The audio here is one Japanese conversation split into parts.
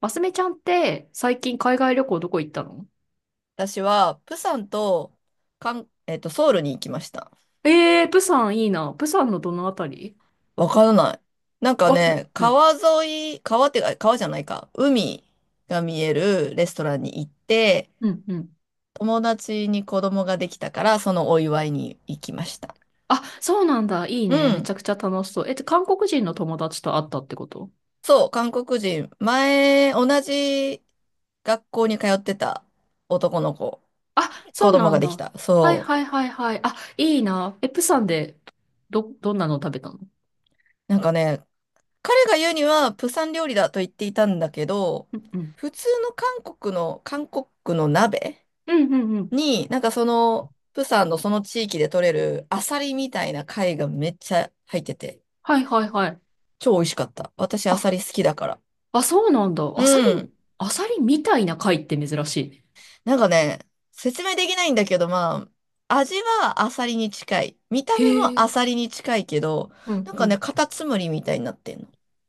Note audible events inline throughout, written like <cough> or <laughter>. マスミちゃんって最近海外旅行どこ行ったの？私は、プサンと、かん、えっと、ソウルに行きました。プサンいいな。プサンのどのあたり？わからない。なんかわ、ね、うん、川沿い、川ってか、川じゃないか、海が見えるレストランに行って、うん、うん。友達に子供ができたから、そのお祝いに行きました。あ、そうなんだ。いいうね。めちゃん。くちゃ楽しそう。韓国人の友達と会ったってこと？そう、韓国人。前、同じ学校に通ってた男の子、あ、そ子う供なんができだ。た。はいそはいはいはい。あ、いいな。え、プサンでどんなの食べたの？う。なんかね、彼が言うには、プサン料理だと言っていたんだけど、うんうん。普通の、韓国の鍋うんうんうん。に、なんかその、プサンのその地域で取れるアサリみたいな貝がめっちゃ入ってて、はいはいはい。超美味しかった。私アサあ、リ好きだから。あ、そうなんだ。うアサリ、ん。アサリみたいな貝って珍しいね。なんかね、説明できないんだけど、まあ、味はアサリに近い。見た目へもえ。アサリに近いけど、うなんんうかね、ん。カタツムリみたいになってんの。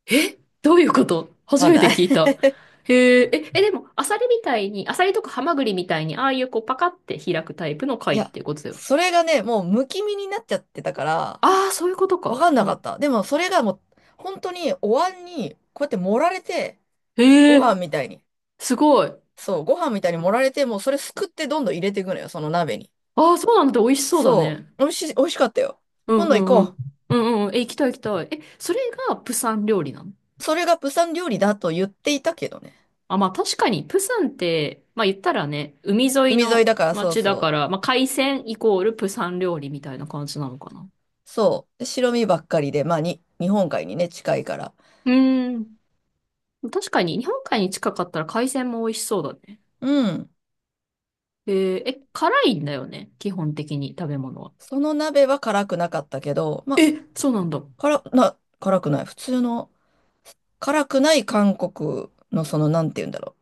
えどういうこと、わ初かんめなてい。聞い <laughs> た。へえ、でも、アサリみたいに、アサリとかハマグリみたいに、ああいうこうパカって開くタイプのい貝っや、てことだよね。それがね、もうむき身になっちゃってたから、ああ、そういうことわか。かんなはかい。った。でもそれがもう、本当にお椀に、こうやって盛られて、へごえ、飯みたいに。すごい。そう、ご飯みたいに盛られて、もうそれすくってどんどん入れていくのよ、その鍋に。ああ、そうなんだ。美味しそうだそね。う、美味しい、美味しかったよ。うん今う度行んこうん。う。うんうん。え、行きたい行きたい。え、それがプサン料理なの？それが釜山料理だと言っていたけどね。あ、まあ確かに、プサンって、まあ言ったらね、海沿い海沿いのだからそう街だかそら、う。まあ海鮮イコールプサン料理みたいな感じなのかな。そう。で白身ばっかりで、まあに、日本海にね、近いから。うーん。確かに、日本海に近かったら海鮮も美味しそうだね。うん。えーえ、辛いんだよね、基本的に食べ物は。その鍋は辛くなかったけど、まあ、え、そうなんだ。辛くない。普通の、辛くない韓国のその、なんて言うんだろう。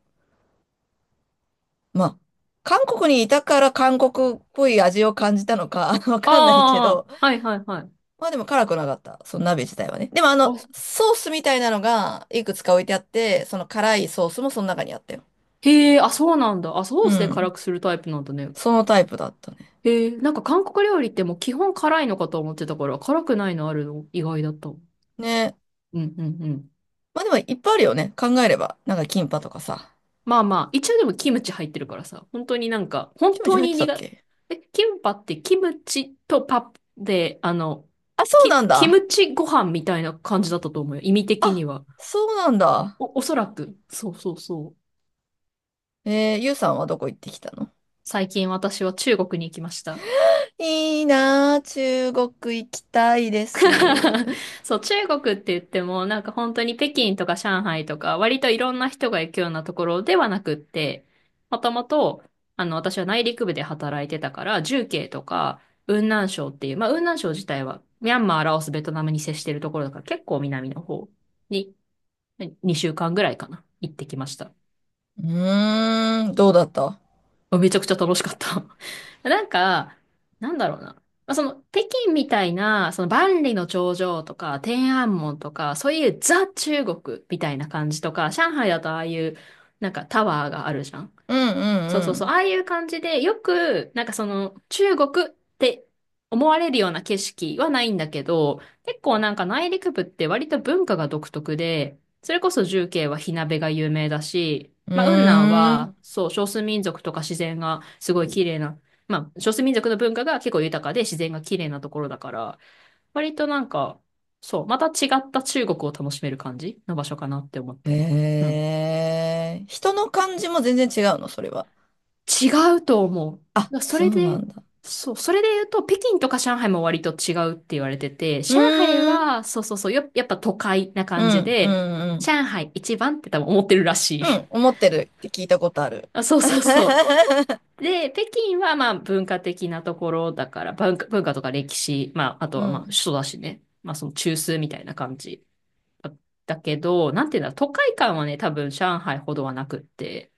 まあ、韓国にいたから韓国っぽい味を感じたのか、<laughs> わかんないけあど、あ、はいはいはい。まあでも辛くなかった。その鍋自体はね。でもああ、の、ソースみたいなのがいくつか置いてあって、その辛いソースもその中にあったよ。へえ、あ、そうなんだ。あ、ソーうスで辛くん。するタイプなんだね。そのタイプだったね。へえ、なんか韓国料理ってもう基本辛いのかと思ってたから、辛くないのあるの意外だった。うんね。うんうん。まあでもいっぱいあるよね。考えれば。なんかキンパとかさ。まあまあ、一応でもキムチ入ってるからさ、本当になんか、本キムチ当入っにてたっ苦、け？え、キンパってキムチとパプで、あ、そうキ、なんキだ。ムチご飯みたいな感じだったと思うよ、意味的にあ、は。そうなんだ。お、おそらく。そうそうそう。ゆうさんはどこ行ってきたの？最近私は中国に行きました。いいなあ中国行きたいです。<laughs> そう、中国って言っても、なんか本当に北京とか上海とか、割といろんな人が行くようなところではなくって、もともと、私は内陸部で働いてたから、重慶とか、雲南省っていう、まあ、雲南省自体は、ミャンマー、ラオス、ベトナムに接してるところだから、結構南の方に、2週間ぐらいかな、行ってきました。うーん、どうだった？めちゃくちゃ楽しかった。<laughs> なんか、なんだろうな。まあ、その、北京みたいな、その万里の長城とか、天安門とか、そういうザ・中国みたいな感じとか、上海だとああいう、なんかタワーがあるじゃん。うんそうそううそう、あんあいう感じで、よく、なんかその、中国って思われるような景色はないんだけど、結構なんか内陸部って割と文化が独特で、それこそ重慶は火鍋が有名だし、うまあ、雲南ん。うーん。は、そう、少数民族とか自然がすごい綺麗な、まあ、少数民族の文化が結構豊かで自然が綺麗なところだから、割となんか、そう、また違った中国を楽しめる感じの場所かなって思った。うん、へえ、人の感じも全然違うの、それは。違うと思う。あ、だそそれうなで、んだ。そう、それで言うと、北京とか上海も割と違うって言われてて、う上海ーん、は、そうそうそう、やっぱ都会なう感じん、うで、ん、うん。上海一番って多分思ってるらしい。うん、<laughs> 思ってるって聞いたことある。あ、そうそうそ <laughs> う。で、北京はまあ文化的なところだから、文化、文化とか歴史、まああとうはまあ首ん、都だしね。まあその中枢みたいな感じだだけど、なんていうんだろう、都会感はね、多分上海ほどはなくって。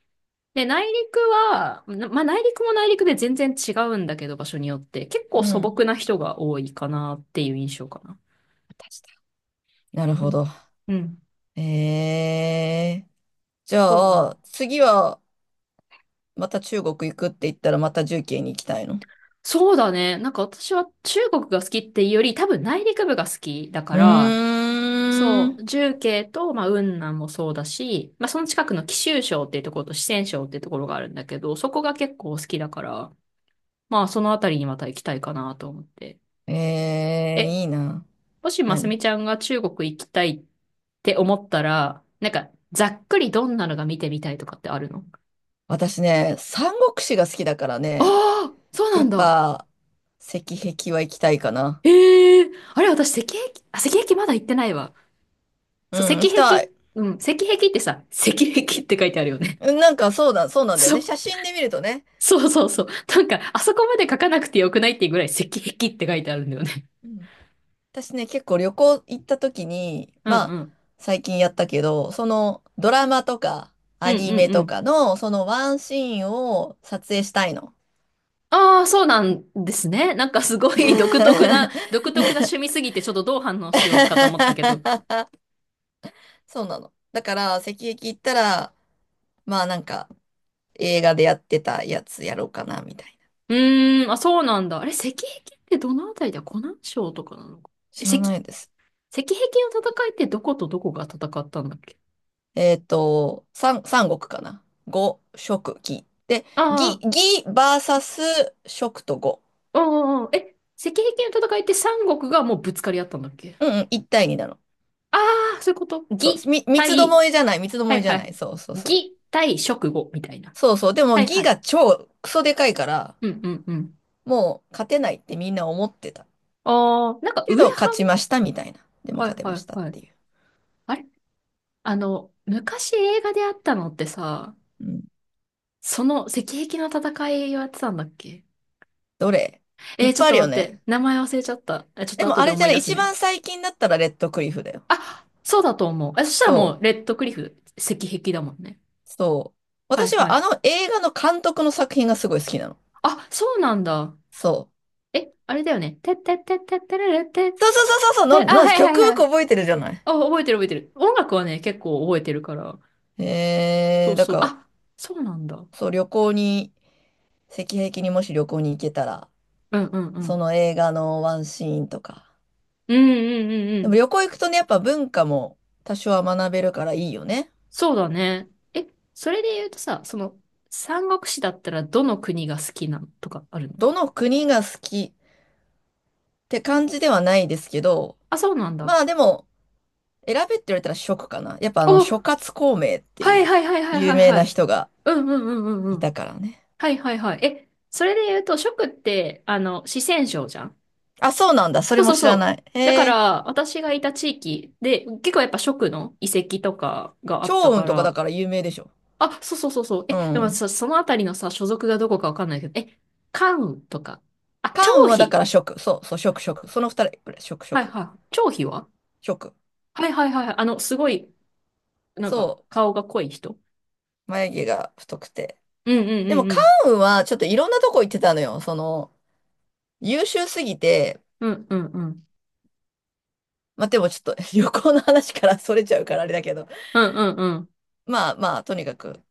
で、内陸は、なまあ内陸も内陸で全然違うんだけど、場所によって、結構う素ん。朴な人が多いかなっていう印象かな。私だなるうほん。ど。うん。へえ。じゃそうなあ、の。次はまた中国行くって言ったらまた重慶に行きたいの？そうだね。なんか私は中国が好きっていうより、多分内陸部が好きだかうら、ーそう、ん。重慶と、まあ、雲南もそうだし、まあ、その近くの貴州省っていうところと四川省っていうところがあるんだけど、そこが結構好きだから、まあ、そのあたりにまた行きたいかなと思って。ええ、え、いいな。もし、ますみ何？ちゃんが中国行きたいって思ったら、なんか、ざっくりどんなのが見てみたいとかってあるの？私ね、三国志が好きだからあね、あー、そうなやんっだ。ぱ、石壁は行きたいかな。ええ、あれ、私、石壁、あ、石壁まだ行ってないわ。うそう、ん、石行きた壁、い。うん、石壁ってさ、石壁って書いてあるよね。うん、なんかそうだ、そう <laughs> なんだよそね。う、写真で見るとね。そうそうそう。なんか、あそこまで書かなくてよくないっていうぐらい石壁って書いてあるんだよね。うん、私ね、結構旅行行った時に、うんまあ、うん。最近やったけど、そのドラマとかうアんニうんメうとん。かの、そのワンシーンを撮影したいの。ああ、そうなんですね。なんかすごい独特な、独特な趣味 <laughs> すぎて、ちょっとどう反応しようかと思ったけど。そうなの。だから、石壁行ったら、まあなんか、映画でやってたやつやろうかな、みたいな。うーん、あ、そうなんだ。あれ、石壁ってどのあたりだ、湖南省とかなのか。え知石、らな石いです。壁の戦いってどことどこが戦ったんだっけ？三国かな。五、食、義。で、あ義バーサス食と五。あ、うんうんうん。え、石壁の戦いって三国がもうぶつかり合ったんだっけ？うんうん、一対二なの。ああー、そういうこと。そう、魏三つど対、もえじゃない、三つどはもえいじゃはない。い。そうそうそう。魏対蜀呉みたいな。そうそう。でもはいは義い。が超クソでかいから、うんうんうん。もう勝てないってみんな思ってた。ああ、なんかけ上ど、勝半、ちましたみたいな。でもは勝いてはまいしたっはい。ていう。あれ、昔映画であったのってさ、うん。その石壁の戦いをやってたんだっけ？どれ？いえっー、ちょっぱいあとるよ待って。ね。名前忘れちゃった。え、ちょっでとも後あでれじ思ゃいな出い、す一ね。番最近だったらレッドクリフだよ。あ、そうだと思う。え、そしたらもそう、う。レッドクリフ、石壁だもんね。そう。はい私ははあい。の映画の監督の作品がすごい好きなの。あ、そうなんだ。そう。え、あれだよね。てってってってってれれってっそうそうそうそうて、そう、あ、はいはい曲はよくい。覚えてるじゃない。あ、覚えてる覚えてる。音楽はね、結構覚えてるから。そうだそう。から、あ、そうなんだ。そう、旅行に、赤壁にもし旅行に行けたら、うんうんうそん。の映画のワンシーンとか。うんうんうんうでもん。旅行行くとね、やっぱ文化も多少は学べるからいいよね。そうだね。え、それで言うとさ、その、三国志だったらどの国が好きなのとかあるの？どの国が好きって感じではないですけど、あ、そうなんだ。まあでも、選べって言われたら食かな。やっぱあの諸あ葛孔明ってはいいうはいはいはい有はい名はない。人がうんうんうんうんいうたん。からね。はいはいはい。え、それで言うと、食って、四川省じゃん。あ、そうなんだ。そそれうそもう知そらなう。い。だかへえ。ら、私がいた地域で、結構やっぱ食の遺跡とかがあっ趙たか雲とかだら、から有名でしょ。あ、そうそうそうそう。え、うでもん。さ、そのあたりのさ、所属がどこかわかんないけど、え、関とか。あ、関羽張はだか飛。ら食。そうそう、食食。その二人これ食はい食。はい。張飛は、食。はいはいはいはい。すごい、なんか、そ顔が濃い人。う。眉毛が太くて。うんうんでうもんう関ん。羽はちょっといろんなとこ行ってたのよ。その、優秀すぎて、うんうんうん。まあ、でもちょっと <laughs> 旅行の話からそれちゃうからあれだけど。うんうんうん。まあまあ、とにかく、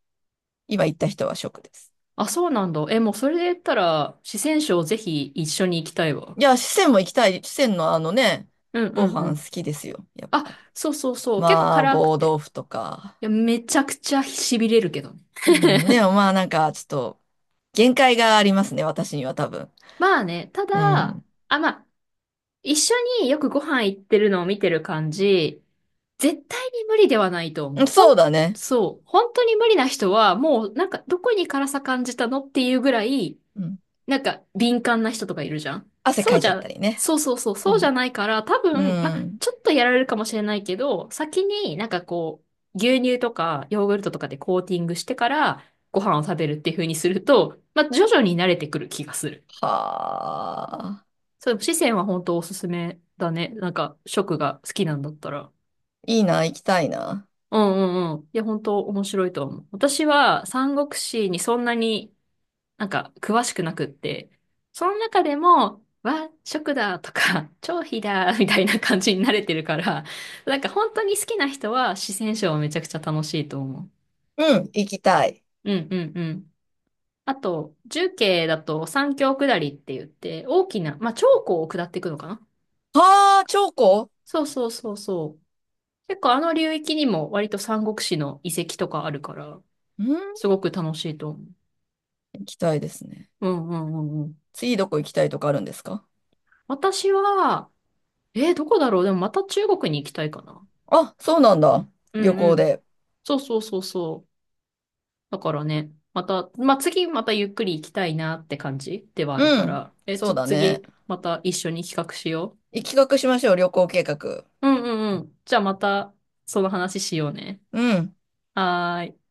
今行った人は食です。あ、そうなんだ。え、もうそれで言ったら、四川省ぜひ一緒に行きたいわ。いや、四川も行きたい。四川のあのね、うんうごんう飯ん。好きですよ。やっあ、ぱ。そうそうそう。結構麻辛く婆て。豆腐とか。いや、めちゃくちゃ痺れるけどね。うん、で <laughs> もまあなんかちょっと限界がありますね、私には多分。まあね、たうだ、ん。あ、まあ、一緒によくご飯行ってるのを見てる感じ、絶対に無理ではないと思うう。ん、ほそうん、だね。そう。本当に無理な人は、もうなんかどこに辛さ感じたのっていうぐらい、うん。なんか敏感な人とかいるじゃん。汗そかういじちゃっゃ、たりね。そうそうそう、うそうじゃん。ないから、多う分、まん。ちょっとやられるかもしれないけど、先になんかこう、牛乳とかヨーグルトとかでコーティングしてからご飯を食べるっていう風にすると、ま徐々に慣れてくる気がする。はあ。そう、四川は本当おすすめだね。なんか食が好きなんだったら。いいな、行きたいな。うんうんうん。いや、本当面白いと思う。私は三国志にそんなになんか詳しくなくって、その中でも、和食だとか、<laughs> 超肥だみたいな感じに慣れてるから、なんか本当に好きな人は四川省はめちゃくちゃ楽しいと思うん、行きたい。う。うんうんうん。あと、重慶だと三峡下りって言って、大きな、まあ、長江を下っていくのかな。はあ、チョコ。そうそうそうそう。結構あの流域にも割と三国志の遺跡とかあるから、うん、すごく楽しいと思う。行きたいですね。うんうんうんうん。次どこ行きたいとかあるんですか？私は、えーどこだろう、でもまた中国に行きたいかな。あ、そうなんだ。う旅んう行ん。で。そうそうそうそう。だからね、また、まあ、次またゆっくり行きたいなって感じではあるうかん、ら。え、そちうょっとだね。次、また一緒に企画しよ企画しましょう、旅行計画。う。うんうんうん。じゃあまた、その話しようね。うん。はーい。